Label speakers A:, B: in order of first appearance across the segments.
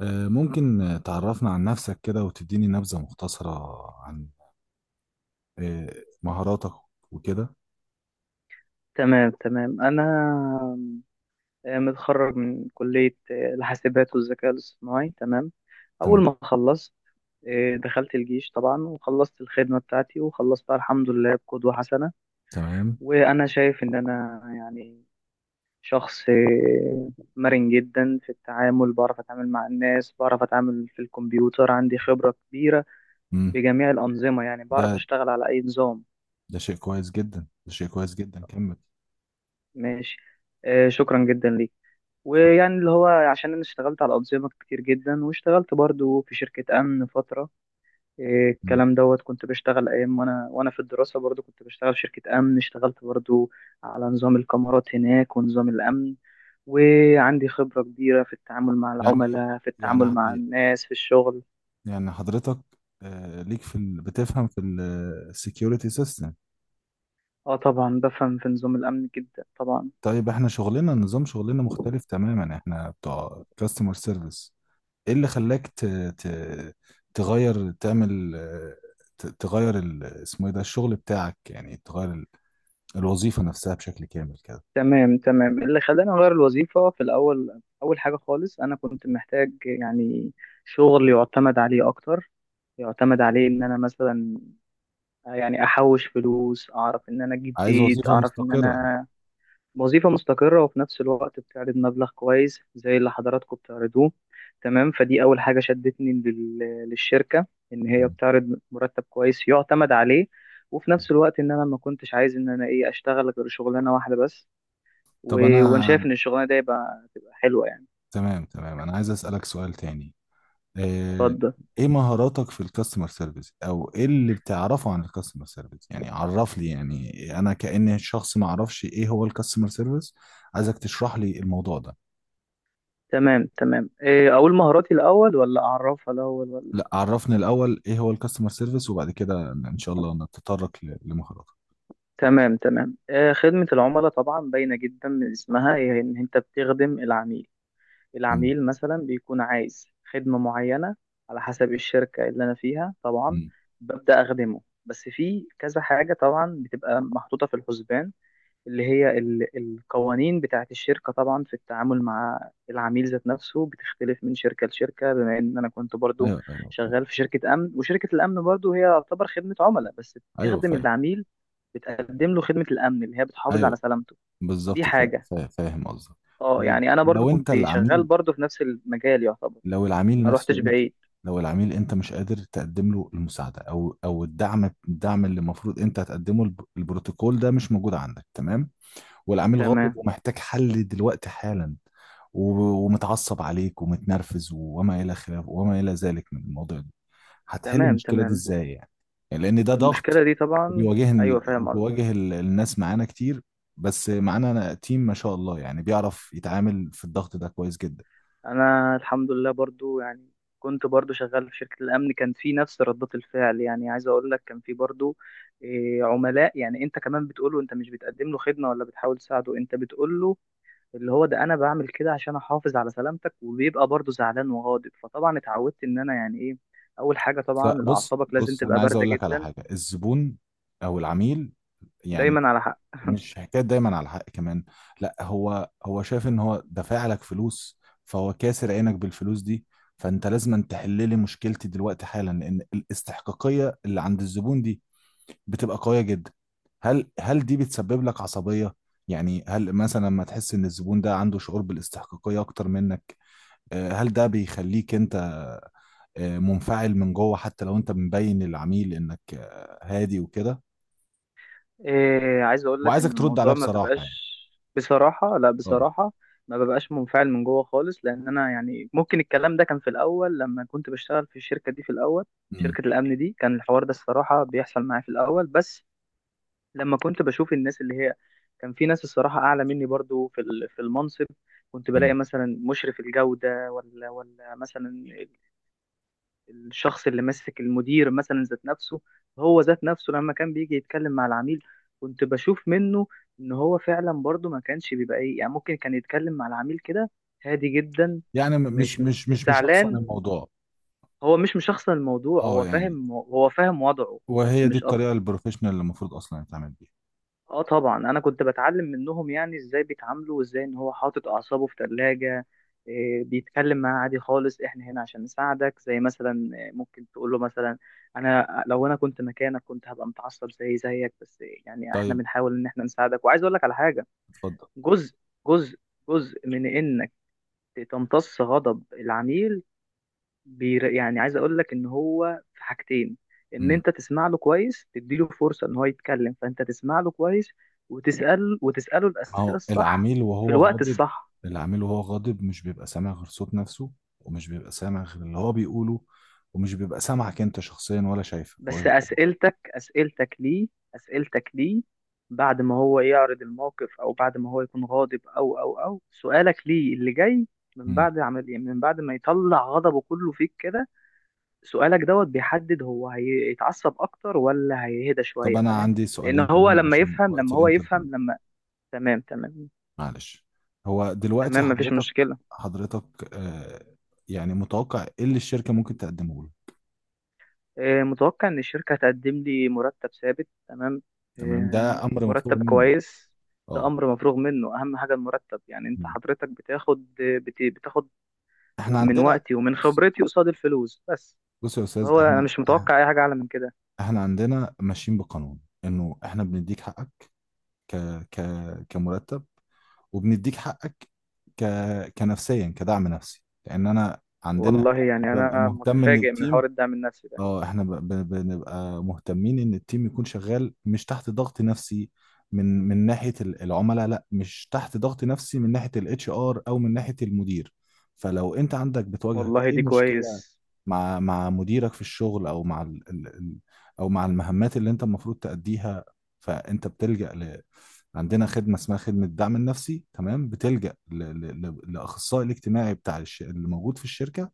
A: ممكن تعرفنا عن نفسك كده وتديني نبذة مختصرة عن آه، مهاراتك وكده.
B: تمام تمام أنا متخرج من كلية الحاسبات والذكاء الاصطناعي. تمام، أول
A: تمام،
B: ما خلصت دخلت الجيش طبعا وخلصت الخدمة بتاعتي وخلصتها الحمد لله بقدوة حسنة.
A: تمام.
B: وأنا شايف إن أنا يعني شخص مرن جدا في التعامل، بعرف أتعامل مع الناس، بعرف أتعامل في الكمبيوتر، عندي خبرة كبيرة
A: مم.
B: بجميع الأنظمة، يعني
A: ده
B: بعرف أشتغل على أي نظام.
A: ده شيء كويس جدا، ده شيء كويس جدا، كمل.
B: ماشي، شكرا جدا ليك.
A: اتفضل.
B: ويعني اللي هو عشان انا اشتغلت على انظمه كتير جدا، واشتغلت برضو في شركه امن فتره، إيه
A: مم.
B: الكلام دوت، كنت بشتغل ايام وانا في الدراسه، برضو كنت بشتغل في شركه امن، اشتغلت برضو على نظام الكاميرات هناك ونظام الامن. وعندي خبره كبيره في التعامل مع
A: يعني
B: العملاء، في
A: يعني
B: التعامل مع الناس في الشغل.
A: يعني حضرتك ليك في بتفهم في السكيورتي سيستم؟
B: اه طبعا بفهم في نظام الامن جدا طبعا.
A: طيب احنا شغلنا، نظام شغلنا مختلف تماما، احنا بتوع كاستمر سيرفيس. ايه اللي خلاك ت... تغير، تعمل تغير اسمه ايه ده الشغل بتاعك، يعني تغير الوظيفة نفسها بشكل كامل كده؟
B: تمام تمام، اللي خلاني اغير الوظيفه في الاول، اول حاجه خالص انا كنت محتاج يعني شغل يعتمد عليه اكتر، يعتمد عليه ان انا مثلا يعني احوش فلوس، اعرف ان انا اجيب
A: عايز
B: بيت،
A: وظيفة
B: اعرف ان
A: مستقرة.
B: انا وظيفة مستقرة، وفي نفس الوقت بتعرض مبلغ كويس زي اللي حضراتكم بتعرضوه. تمام، فدي اول حاجة شدتني للشركة، ان هي بتعرض مرتب كويس يعتمد عليه. وفي نفس الوقت ان انا ما كنتش عايز ان انا ايه اشتغل غير شغلانة واحدة بس و...
A: طب انا
B: وانا شايف ان الشغلانة دي يبقى تبقى حلوة يعني.
A: تمام، تمام، انا عايز اسألك سؤال تاني. آه،
B: اتفضل.
A: ايه مهاراتك في الكاستمر سيرفيس، او ايه اللي بتعرفه عن الكاستمر سيرفيس؟ يعني عرف لي، يعني انا كأني شخص ما اعرفش ايه هو الكاستمر سيرفيس. عايزك تشرح لي الموضوع ده.
B: تمام تمام، إيه اقول مهاراتي الاول ولا اعرفها الاول ولا؟
A: لا، عرفني الاول ايه هو الكاستمر سيرفيس، وبعد كده ان شاء الله نتطرق لمهاراتك.
B: تمام تمام، خدمة العملاء طبعا باينة جدا من اسمها، هي إن أنت بتخدم العميل.
A: مم.
B: العميل مثلا بيكون عايز خدمة معينة على حسب الشركة اللي أنا فيها طبعا،
A: مم.
B: ببدأ أخدمه، بس في كذا حاجة طبعا بتبقى محطوطة في الحسبان، اللي هي القوانين بتاعت الشركة طبعا في التعامل مع العميل. ذات نفسه بتختلف من شركة لشركة. بما إن أنا كنت برضو
A: ايوه، ايوه، فاهم.
B: شغال في شركة أمن، وشركة الأمن برضو هي تعتبر خدمة عملاء، بس
A: ايوه
B: بتخدم
A: فاهم.
B: العميل، بتقدم له خدمة الأمن اللي هي بتحافظ على
A: ايوه
B: سلامته. دي
A: بالظبط،
B: حاجة.
A: فاهم قصدك.
B: اه
A: طيب
B: يعني أنا برضو
A: لو انت
B: كنت شغال
A: العميل،
B: برضو في نفس المجال يعتبر،
A: لو العميل
B: ما
A: نفسه
B: روحتش
A: انت،
B: بعيد.
A: لو العميل انت مش قادر تقدم له المساعده او او الدعم، الدعم اللي المفروض انت هتقدمه، البروتوكول ده مش موجود عندك، تمام؟ والعميل غاضب
B: تمام
A: ومحتاج حل دلوقتي حالا، ومتعصب عليك ومتنرفز وما الى خلاف وما الى ذلك من الموضوع، هتحل
B: تمام.
A: المشكله دي
B: تمام،
A: ازاي يعني؟ يعني لان ده
B: المشكلة
A: ضغط.
B: دي طبعا،
A: وبيواجه،
B: أيوة فاهم قصدك.
A: وبيواجه الناس معانا كتير، بس معانا أنا تيم ما شاء الله يعني بيعرف يتعامل في الضغط ده كويس جدا.
B: انا الحمد لله برضو يعني كنت برضو شغال في شركة الامن، كان في نفس ردات الفعل، يعني عايز اقول لك كان في برضو عملاء يعني انت كمان بتقوله انت مش بتقدم له خدمة ولا بتحاول تساعده، انت بتقوله اللي هو ده انا بعمل كده عشان احافظ على سلامتك، وبيبقى برضو زعلان وغاضب. فطبعا اتعودت ان انا يعني ايه، اول حاجة
A: لا
B: طبعا
A: بص،
B: اعصابك لازم
A: بص،
B: تبقى
A: انا عايز
B: باردة
A: اقول لك على
B: جدا
A: حاجه: الزبون او العميل يعني
B: دايما. على
A: مش حكايه دايما على الحق كمان، لا، هو شايف ان هو دافع لك فلوس، فهو كاسر عينك بالفلوس دي، فانت لازم تحل لي مشكلتي دلوقتي حالا، لان الاستحقاقيه اللي عند الزبون دي بتبقى قوية جدا. هل دي بتسبب لك عصبية؟ يعني هل مثلا لما تحس ان الزبون ده عنده شعور بالاستحقاقية اكتر منك، هل ده بيخليك انت منفعل من جوه، حتى لو انت مبين للعميل انك هادي وكده؟
B: إيه عايز اقول لك ان
A: وعايزك ترد عليها
B: الموضوع ما
A: بصراحة يعني.
B: بيبقاش، بصراحة لا،
A: اه.
B: بصراحة ما ببقاش منفعل من جوه خالص، لان انا يعني ممكن الكلام ده كان في الاول لما كنت بشتغل في الشركة دي في الاول،
A: أمم،
B: شركة الامن دي، كان الحوار ده الصراحة بيحصل معايا في الاول بس. لما كنت بشوف الناس اللي هي كان في ناس الصراحة اعلى مني برضو في في المنصب، كنت
A: أمم.
B: بلاقي مثلا مشرف الجودة ولا ولا مثلا الشخص اللي ماسك المدير مثلا ذات نفسه، هو ذات نفسه لما كان بيجي يتكلم مع العميل كنت بشوف منه ان هو فعلا برضه ما كانش بيبقى ايه يعني، ممكن كان يتكلم مع العميل كده هادي جدا.
A: يعني م- مش
B: مش
A: مش مش مش شخصا
B: زعلان،
A: الموضوع.
B: هو مش مشخصن الموضوع،
A: اه
B: هو
A: يعني.
B: فاهم، هو فاهم وضعه بس،
A: وهي دي
B: مش
A: الطريقة
B: اكتر.
A: البروفيشنال اللي المفروض اصلا يتعامل بيها.
B: اه طبعا انا كنت بتعلم منهم يعني ازاي بيتعاملوا، وازاي ان هو حاطط اعصابه في ثلاجة، بيتكلم معاه عادي خالص، احنا هنا عشان نساعدك، زي مثلا ممكن تقول له مثلا انا لو انا كنت مكانك كنت هبقى متعصب زي زيك، بس يعني احنا
A: طيب.
B: بنحاول ان احنا نساعدك. وعايز اقول لك على حاجة،
A: اتفضل.
B: جزء جزء جزء من انك تمتص غضب العميل، يعني عايز اقول لك ان هو في حاجتين، ان انت تسمع له كويس، تديله فرصة ان هو يتكلم فانت تسمع له كويس، وتسأل وتسأله
A: ما
B: الأسئلة
A: هو
B: الصح
A: العميل
B: في
A: وهو
B: الوقت
A: غاضب.
B: الصح.
A: العميل وهو غاضب مش بيبقى سامع غير صوت نفسه، ومش بيبقى سامع غير اللي هو بيقوله، ومش بيبقى سامعك انت شخصيا ولا شايفك. هو
B: بس
A: جا-.
B: أسئلتك ليه بعد ما هو يعرض الموقف، او بعد ما هو يكون غاضب، او او او سؤالك ليه اللي جاي من
A: مم.
B: بعد عمل، يعني من بعد ما يطلع غضبه كله فيك كده، سؤالك دوت بيحدد هو هيتعصب اكتر ولا هيهدى
A: طب
B: شويه،
A: انا
B: فاهم؟
A: عندي
B: لان
A: سؤالين
B: هو
A: كمان
B: لما
A: عشان
B: يفهم
A: وقت
B: لما هو يفهم
A: الانترفيو.
B: لما. تمام تمام.
A: معلش. هو دلوقتي
B: تمام مفيش
A: حضرتك،
B: مشكله.
A: حضرتك، آه، يعني متوقع ايه اللي الشركة ممكن تقدمه له؟
B: متوقع ان الشركه هتقدم لي مرتب ثابت. تمام،
A: تمام،
B: آه،
A: ده امر مفروغ
B: مرتب
A: منه.
B: كويس. ده
A: اه.
B: امر مفروغ منه، اهم حاجه المرتب، يعني انت
A: مم.
B: حضرتك بتاخد بتاخد
A: احنا
B: من
A: عندنا،
B: وقتي ومن
A: بص،
B: خبرتي قصاد الفلوس بس.
A: بص يا استاذ،
B: هو انا
A: احنا،
B: مش متوقع اي حاجه اعلى من كده.
A: احنا عندنا ماشيين بقانون انه احنا بنديك حقك ك ك كمرتب، وبنديك حقك ك كنفسيا، كدعم نفسي، لان انا عندنا
B: والله يعني
A: انا ببقى
B: انا
A: مهتم ان
B: متفاجئ من
A: التيم،
B: حوار الدعم النفسي ده.
A: اه احنا بنبقى مهتمين ان التيم يكون شغال مش تحت ضغط نفسي. من ناحية العملاء، لا، مش تحت ضغط نفسي من ناحية الاتش ار او من ناحية المدير. فلو انت عندك بتواجهك
B: والله
A: اي
B: دي
A: مشكلة
B: كويس.
A: مع مديرك في الشغل، او مع ال، او مع المهمات اللي انت المفروض تأديها، فانت بتلجأ عندنا خدمة اسمها خدمة الدعم النفسي، تمام؟ بتلجأ لأخصائي الاجتماعي بتاع اللي موجود في الشركة،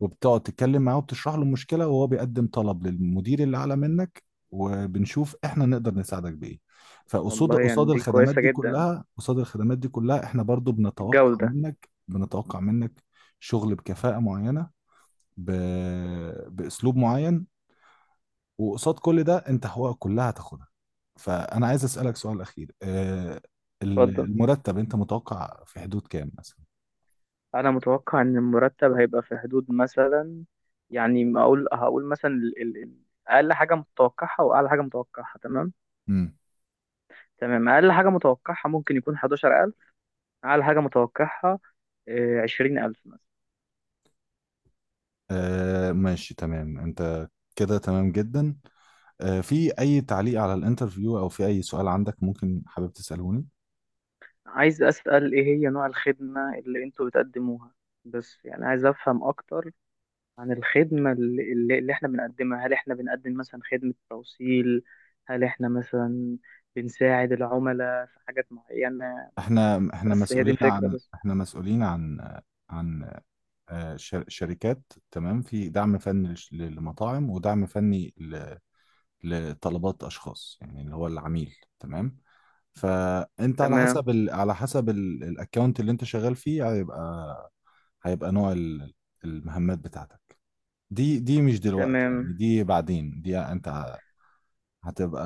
A: وبتقعد تتكلم معاه وبتشرح له المشكلة، وهو بيقدم طلب للمدير اللي أعلى منك، وبنشوف احنا نقدر نساعدك بإيه. فقصاد،
B: والله يعني
A: قصاد
B: دي
A: الخدمات
B: كويسة
A: دي
B: جدا،
A: كلها، قصاد الخدمات دي كلها، احنا برضو بنتوقع
B: الجودة.
A: منك، بنتوقع منك شغل بكفاءة معينة، ب... باسلوب معين، وقصاد كل ده انت حقوقك كلها هتاخدها. فانا عايز اسالك سؤال اخير،
B: اتفضل،
A: المرتب انت متوقع في حدود كام مثلا؟
B: أنا متوقع إن المرتب هيبقى في حدود مثلا، يعني أقول هقول مثلا ال ال ال أقل حاجة متوقعها وأعلى حاجة متوقعها. تمام،
A: امم.
B: تمام، أقل حاجة متوقعها ممكن يكون 11,000، أعلى حاجة متوقعها 20,000 مثلا.
A: آه ماشي، تمام، انت كده تمام جدا. آه في اي تعليق على الانترفيو او في اي سؤال عندك ممكن حابب تسالوني؟
B: عايز أسأل إيه هي نوع الخدمة اللي أنتوا بتقدموها، بس يعني عايز أفهم أكتر عن الخدمة اللي احنا بنقدمها. هل احنا بنقدم مثلا خدمة توصيل؟ هل احنا مثلا بنساعد العملاء في حاجات معينة؟
A: احنا
B: بس هي دي
A: مسؤولين
B: الفكرة
A: عن،
B: بس.
A: احنا مسؤولين عن، عن شركات، تمام، في دعم فني للمطاعم ودعم فني لطلبات اشخاص، يعني اللي هو العميل، تمام؟ فانت على
B: تمام
A: حسب على حسب الاكونت اللي انت شغال فيه، هيبقى، هيبقى نوع المهمات بتاعتك. دي مش دلوقتي يعني،
B: تمام.
A: دي بعدين، دي انت هتبقى،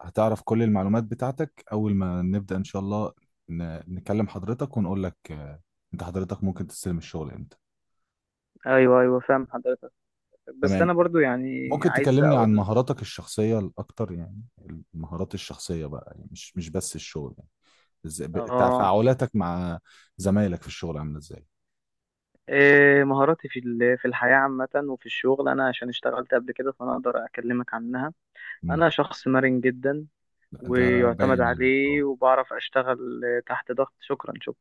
A: هتعرف كل المعلومات بتاعتك اول ما نبدأ ان شاء الله، نكلم حضرتك ونقول لك انت حضرتك ممكن تستلم الشغل امتى.
B: ايوه ايوه فاهم حضرتك، بس
A: تمام.
B: انا برضو يعني
A: ممكن
B: عايز
A: تكلمني عن
B: اقول
A: مهاراتك الشخصية الأكتر يعني، المهارات الشخصية بقى، يعني مش بس الشغل،
B: اه،
A: تفاعلاتك مع زمايلك في الشغل عامله ازاي؟
B: إيه مهاراتي في في الحياة عامة وفي الشغل. أنا عشان اشتغلت قبل كده فأنا أقدر أكلمك عنها.
A: مم.
B: أنا شخص مرن جدا
A: لا، ده
B: ويعتمد
A: باين عليك، اه.
B: عليه وبعرف أشتغل تحت ضغط. شكرا شكرا.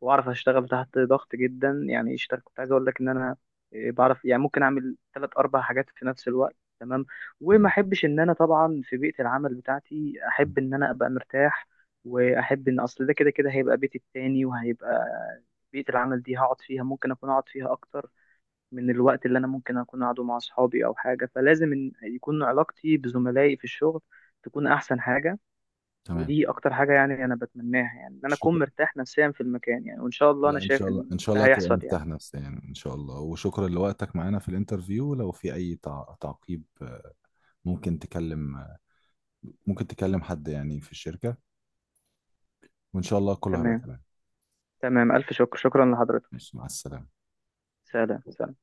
B: واعرف اشتغل تحت ضغط جدا يعني اشتغل، كنت عايز اقول لك ان انا بعرف يعني ممكن اعمل ثلاث اربع حاجات في نفس الوقت. تمام، وما
A: مم.
B: احبش ان انا طبعا في بيئة العمل بتاعتي،
A: مم.
B: احب ان انا ابقى مرتاح، واحب ان اصل ده كده كده هيبقى بيتي التاني، وهيبقى بيئة العمل دي هقعد فيها، ممكن اكون اقعد فيها اكتر من الوقت اللي انا ممكن اكون قاعده مع اصحابي او حاجة. فلازم إن يكون علاقتي بزملائي في الشغل تكون احسن حاجة.
A: تمام.
B: ودي اكتر حاجه يعني انا بتمناها، يعني ان انا اكون
A: شكرا.
B: مرتاح نفسيا في المكان، يعني وان شاء الله انا
A: لا ان شاء
B: شايف
A: الله،
B: ان
A: ان شاء
B: ده
A: الله تبقى
B: هيحصل يعني.
A: مرتاح نفسيا ان شاء الله. وشكرا لوقتك معانا في الانترفيو. لو في اي تعقيب، ممكن تكلم، ممكن تكلم حد يعني في الشركه، وان شاء الله كله هيبقى
B: تمام
A: تمام.
B: تمام، الف شكر، شكرا لحضرتك.
A: ماشي، مع السلامه.
B: سلام سلام.